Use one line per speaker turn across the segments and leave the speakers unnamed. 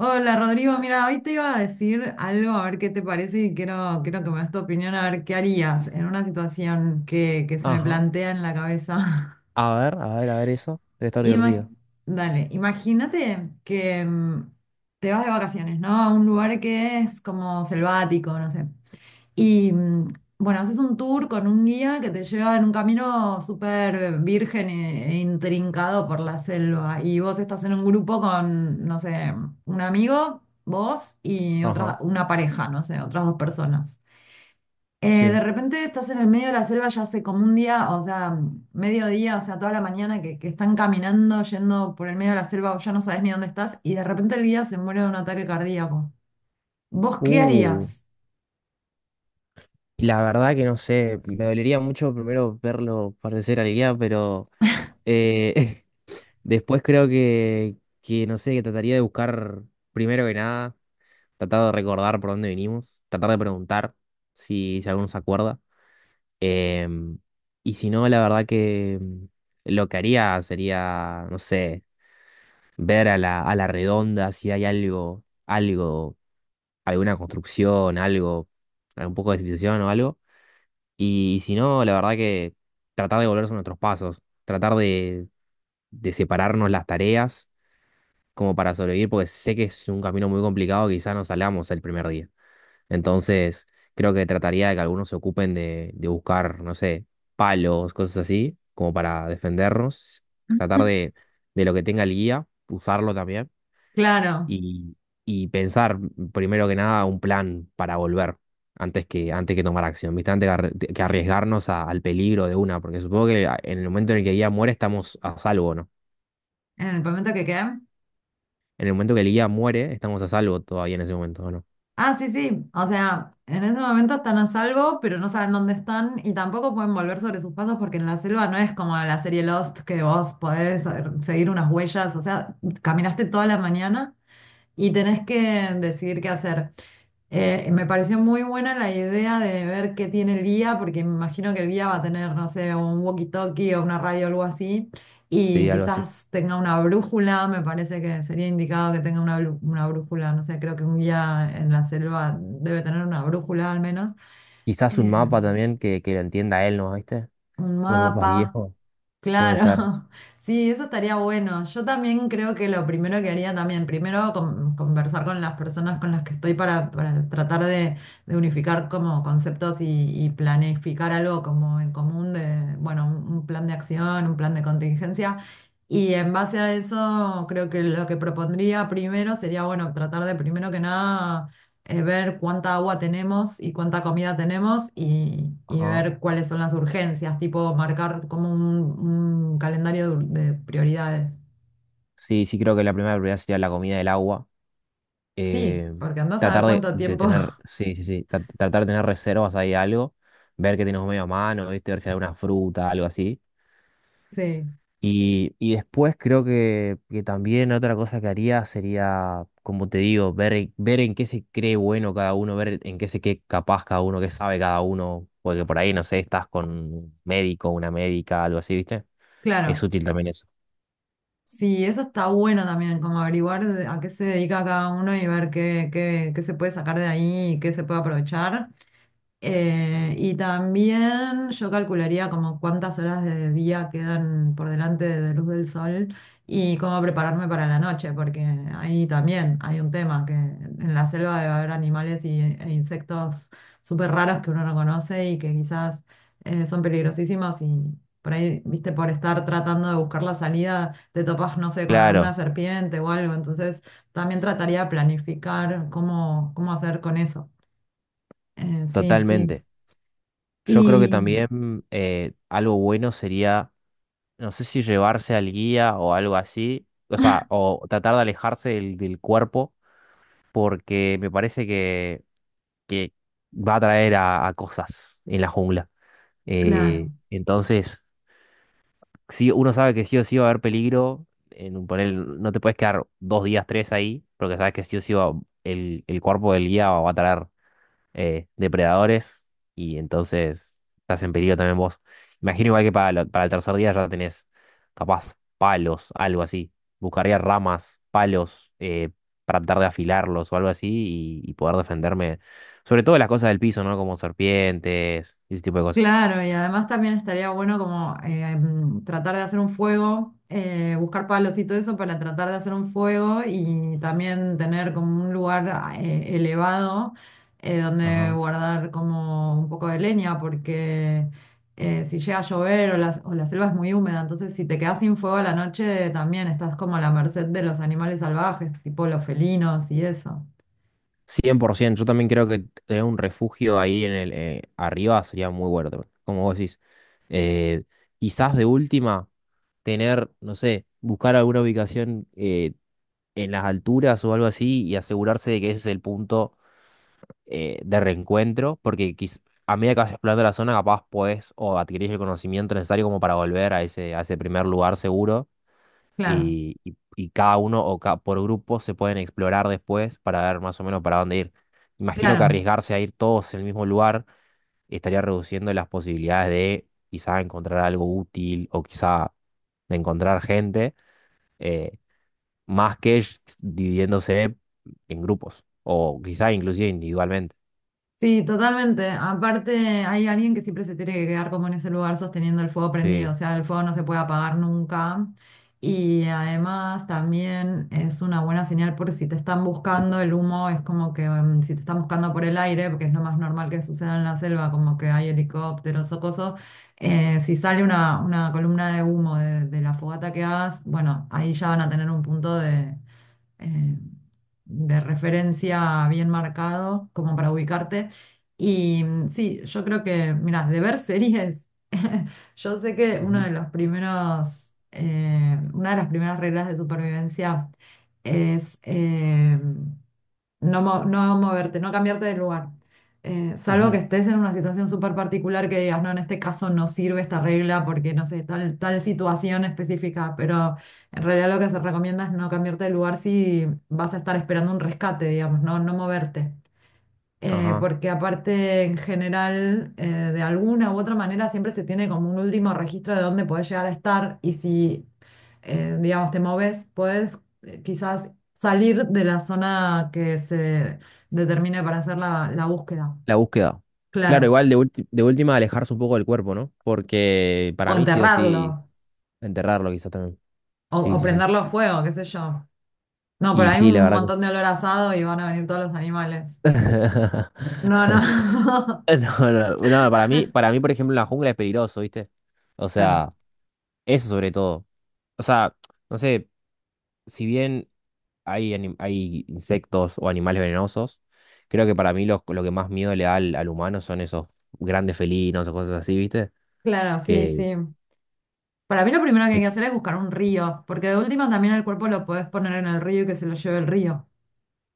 Hola Rodrigo, mira, hoy te iba a decir algo, a ver qué te parece y quiero que me des tu opinión, a ver qué harías en una situación que se me
Ajá.
plantea en la cabeza.
A ver, a ver, a ver eso. Debe estar
Ima-
divertido.
Dale, imagínate que te vas de vacaciones, ¿no? A un lugar que es como selvático, no sé. Y bueno, haces un tour con un guía que te lleva en un camino súper virgen e intrincado por la selva. Y vos estás en un grupo con, no sé, un amigo, vos y otra,
Ajá.
una pareja, no sé, otras dos personas. De
Sí.
repente estás en el medio de la selva ya hace como un día, o sea, mediodía, o sea, toda la mañana que están caminando, yendo por el medio de la selva, vos ya no sabes ni dónde estás, y de repente el guía se muere de un ataque cardíaco. ¿Vos qué
Uh,
harías?
la verdad que no sé. Me dolería mucho primero verlo parecer al guía, pero eh, después creo que, no sé, que trataría de buscar, primero que nada, tratar de recordar por dónde vinimos, tratar de preguntar si alguno se acuerda. Em, y si no, la verdad que lo que haría sería, no sé, ver a la redonda si hay algo, alguna construcción, algo, un poco de civilización o algo. Y, si no, la verdad que tratar de volverse a nuestros pasos, tratar de separarnos las tareas como para sobrevivir, porque sé que es un camino muy complicado, quizá no salgamos el primer día. Entonces, creo que trataría de que algunos se ocupen de buscar, no sé, palos, cosas así, como para defendernos, tratar de lo que tenga el guía, usarlo también
Claro,
y, y pensar primero que nada un plan para volver antes que tomar acción, ¿viste? Antes que arriesgarnos al peligro de una, porque supongo que en el momento en el que el guía muere estamos a salvo, ¿no?
en el momento que quede.
En el momento que el guía muere estamos a salvo todavía en ese momento, ¿no?
Ah, sí, sí. O sea, en ese momento están a salvo, pero no saben dónde están y tampoco pueden volver sobre sus pasos porque en la selva no es como la serie Lost que vos podés seguir unas huellas. O sea, caminaste toda la mañana y tenés que decidir qué hacer. Me pareció muy buena la idea de ver qué tiene el guía, porque me imagino que el guía va a tener, no sé, un walkie-talkie o una radio o algo así, y
Sí, algo así.
quizás tenga una brújula, me parece que sería indicado que tenga una, una brújula, no sé, creo que un guía en la selva debe tener una brújula al menos,
Quizás un
eh,
mapa también que lo entienda él, ¿no? ¿Viste?
un
Unos mapas
mapa.
viejos, puede
Claro,
ser.
sí, eso estaría bueno. Yo también creo que lo primero que haría también, primero conversar con las personas con las que estoy para tratar de unificar como conceptos y planificar algo como en común de, bueno, un plan de acción, un plan de contingencia. Y en base a eso, creo que lo que propondría primero sería, bueno, tratar de primero que nada ver cuánta agua tenemos y cuánta comida tenemos y
Ajá.
ver cuáles son las urgencias, tipo marcar como un calendario de prioridades.
Sí, sí, creo que la primera prioridad sería la comida y el agua.
Sí,
eh,
porque andás a ver
Tratar de,
cuánto
de
tiempo.
tener, sí, sí, sí, tratar de tener reservas ahí algo, ver que tenemos medio a mano, ¿viste? Ver si hay alguna fruta, algo así.
Sí,
Y después creo que también otra cosa que haría sería, como te digo, ver en qué se cree bueno cada uno, ver en qué se cree capaz cada uno, qué sabe cada uno, porque por ahí, no sé, estás con un médico, una médica, algo así, ¿viste? Es
claro.
útil también eso.
Sí, eso está bueno también, como averiguar a qué se dedica cada uno y ver qué, qué, qué se puede sacar de ahí y qué se puede aprovechar. Y también yo calcularía como cuántas horas de día quedan por delante de luz del sol y cómo prepararme para la noche, porque ahí también hay un tema, que en la selva debe haber animales y, e insectos súper raros que uno no conoce y que quizás son peligrosísimos y por ahí, viste, por estar tratando de buscar la salida, te topas, no sé, con alguna
Claro,
serpiente o algo, entonces también trataría de planificar cómo, cómo hacer con eso. Sí, sí.
totalmente. Yo creo que
Y
también algo bueno sería no sé si llevarse al guía o algo así, o sea, o tratar de alejarse del cuerpo, porque me parece que va a traer a cosas en la jungla.
claro,
Entonces, sí, uno sabe que sí o sí va a haber peligro, en un panel no te puedes quedar dos días, tres ahí, porque sabes que sí o sí el cuerpo del guía va a traer depredadores y entonces estás en peligro también vos. Imagino igual que para el tercer día ya tenés capaz palos, algo así. Buscaría ramas, palos, para tratar de afilarlos o algo así y poder defenderme. Sobre todo de las cosas del piso, ¿no? Como serpientes y ese tipo de cosas.
claro, y además también estaría bueno como tratar de hacer un fuego, buscar palos y todo eso para tratar de hacer un fuego y también tener como un lugar ah, elevado donde
Ajá.
guardar como un poco de leña, porque si llega a llover o la selva es muy húmeda, entonces si te quedas sin fuego a la noche también estás como a la merced de los animales salvajes, tipo los felinos y eso.
100%, yo también creo que tener un refugio ahí en el arriba sería muy bueno también, como vos decís. Eh, Quizás de última tener, no sé, buscar alguna ubicación en las alturas o algo así y asegurarse de que ese es el punto de reencuentro, porque a medida que vas explorando la zona capaz podés o adquirís el conocimiento necesario como para volver a ese primer lugar seguro
Claro,
y cada uno por grupo se pueden explorar después para ver más o menos para dónde ir. Imagino que
claro.
arriesgarse a ir todos en el mismo lugar estaría reduciendo las posibilidades de quizá encontrar algo útil o quizá de encontrar gente, eh, más que dividiéndose en grupos o quizá inclusive individualmente.
Sí, totalmente. Aparte, hay alguien que siempre se tiene que quedar como en ese lugar sosteniendo el fuego prendido, o
Sí.
sea, el fuego no se puede apagar nunca. Y además también es una buena señal porque si te están buscando el humo, es como que si te están buscando por el aire, porque es lo más normal que suceda en la selva, como que hay helicópteros o cosas, si sale una columna de humo de la fogata que hagas, bueno, ahí ya van a tener un punto eh, de referencia bien marcado como para ubicarte. Y sí, yo creo que, mira, de ver series, yo sé que uno
Ujú,
de los primeros, una de las primeras reglas de supervivencia es... no, no moverte, no cambiarte de lugar. Salvo que
ujú,
estés en una situación súper particular que digas, no, en este caso no sirve esta regla porque no sé, tal, tal situación específica, pero en realidad lo que se recomienda es no cambiarte de lugar si vas a estar esperando un rescate, digamos, no, no moverte
ajá.
porque aparte en general, de alguna u otra manera, siempre se tiene como un último registro de dónde podés llegar a estar y si, digamos, te moves, podés quizás salir de la zona que se determine para hacer la, la búsqueda.
La búsqueda. Claro,
Claro.
igual de última alejarse un poco del cuerpo, ¿no? Porque
O
para mí sí o
enterrarlo,
sí enterrarlo quizá también. Sí,
o
sí, sí.
prenderlo a fuego, qué sé yo. No, pero
Y
hay
sí, la
un
verdad que
montón
es.
de olor a asado y van a venir todos los animales. No, no.
No, no, no, para mí, por ejemplo, la jungla es peligroso, ¿viste? O
Claro,
sea, eso sobre todo. O sea, no sé, si bien hay insectos o animales venenosos, creo que para mí lo que más miedo le da al humano son esos grandes felinos o cosas así, ¿viste?
claro, sí,
Que,
sí. Para mí lo primero que hay
que-
que hacer es buscar un río, porque de última también el cuerpo lo podés poner en el río y que se lo lleve el río.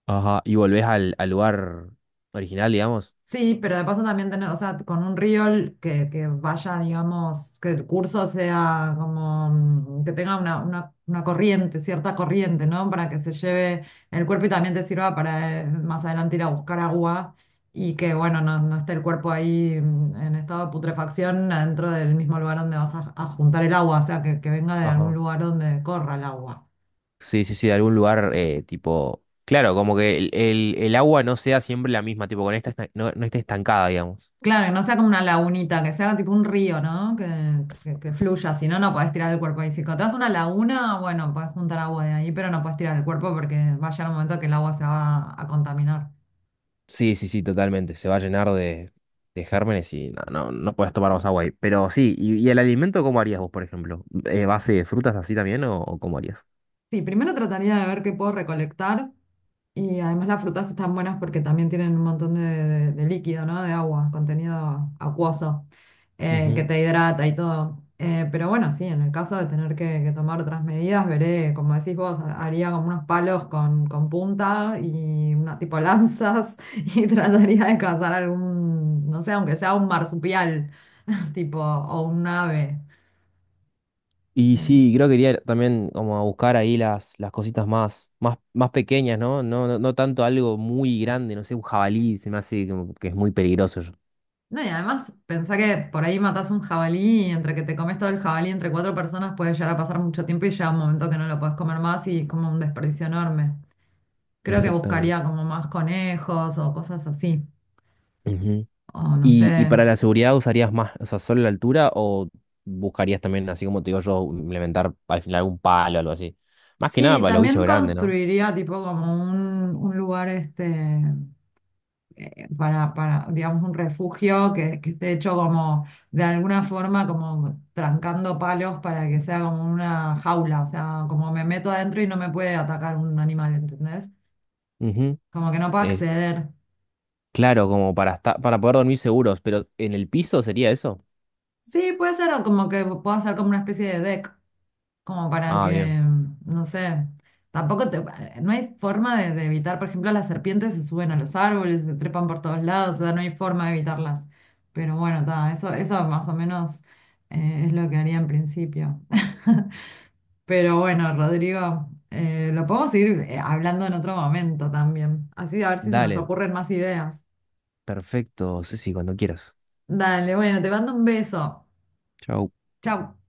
ajá, y volvés al lugar original, digamos.
Sí, pero de paso también tener, o sea, con un río que vaya, digamos, que el curso sea como que tenga una corriente, cierta corriente, ¿no? Para que se lleve el cuerpo y también te sirva para más adelante ir a buscar agua y que, bueno, no, no esté el cuerpo ahí en estado de putrefacción adentro del mismo lugar donde vas a juntar el agua, o sea, que venga de algún
Ajá.
lugar donde corra el agua.
Sí, sí, sí, de algún lugar tipo. Claro, como que el agua no sea siempre la misma, tipo, no, no esté estancada, digamos.
Claro, que no sea como una lagunita, que sea tipo un río, ¿no? Que fluya, si no, no podés tirar el cuerpo ahí. Si te das una laguna, bueno, podés juntar agua de ahí, pero no podés tirar el cuerpo porque va a llegar un momento que el agua se va a contaminar.
Sí, sí, sí, totalmente. Se va a llenar de gérmenes y no, no, no puedes tomar más agua ahí. Pero sí, y el alimento cómo harías vos, por ejemplo? ¿Base de frutas así también o cómo harías?
Sí, primero trataría de ver qué puedo recolectar. Y además las frutas están buenas porque también tienen un montón de, de líquido, ¿no? De agua, contenido acuoso, que
Ujú.
te hidrata y todo. Pero bueno, sí, en el caso de tener que tomar otras medidas, veré, como decís vos, haría como unos palos con punta y una tipo lanzas y trataría de cazar algún, no sé, aunque sea un marsupial, tipo, o un ave.
Y
Eh,
sí, creo que iría también como a buscar ahí las cositas más, más, más pequeñas, ¿no? No, no, no tanto algo muy grande, no sé, un jabalí, se me hace como que es muy peligroso yo.
No, y además pensá que por ahí matás un jabalí y entre que te comes todo el jabalí entre cuatro personas puede llegar a pasar mucho tiempo y llega un momento que no lo puedes comer más y es como un desperdicio enorme. Creo que
Exactamente.
buscaría como más conejos o cosas así. O no
¿Y
sé.
para la seguridad usarías más, o sea, solo la altura o buscarías también, así como te digo yo, implementar al final algún palo o algo así? Más que nada
Sí,
para los bichos
también
grandes, ¿no?
construiría tipo como un lugar este. Para, digamos, un refugio que esté hecho como, de alguna forma, como trancando palos para que sea como una jaula, o sea, como me meto adentro y no me puede atacar un animal, ¿entendés?
Ujú.
Como que no puedo
Es
acceder.
claro, como para estar, para poder dormir seguros, pero ¿en el piso sería eso?
Sí, puede ser o como que puedo hacer como una especie de deck, como para
Ah, bien.
que, no sé, tampoco te, no hay forma de evitar, por ejemplo, las serpientes se suben a los árboles, se trepan por todos lados, o sea, no hay forma de evitarlas. Pero bueno, ta, eso más o menos es lo que haría en principio. Pero bueno, Rodrigo, lo podemos ir hablando en otro momento también. Así a ver si se nos
Dale,
ocurren más ideas.
perfecto, sí, sí, cuando quieras.
Dale, bueno, te mando un beso.
Chau.
Chau.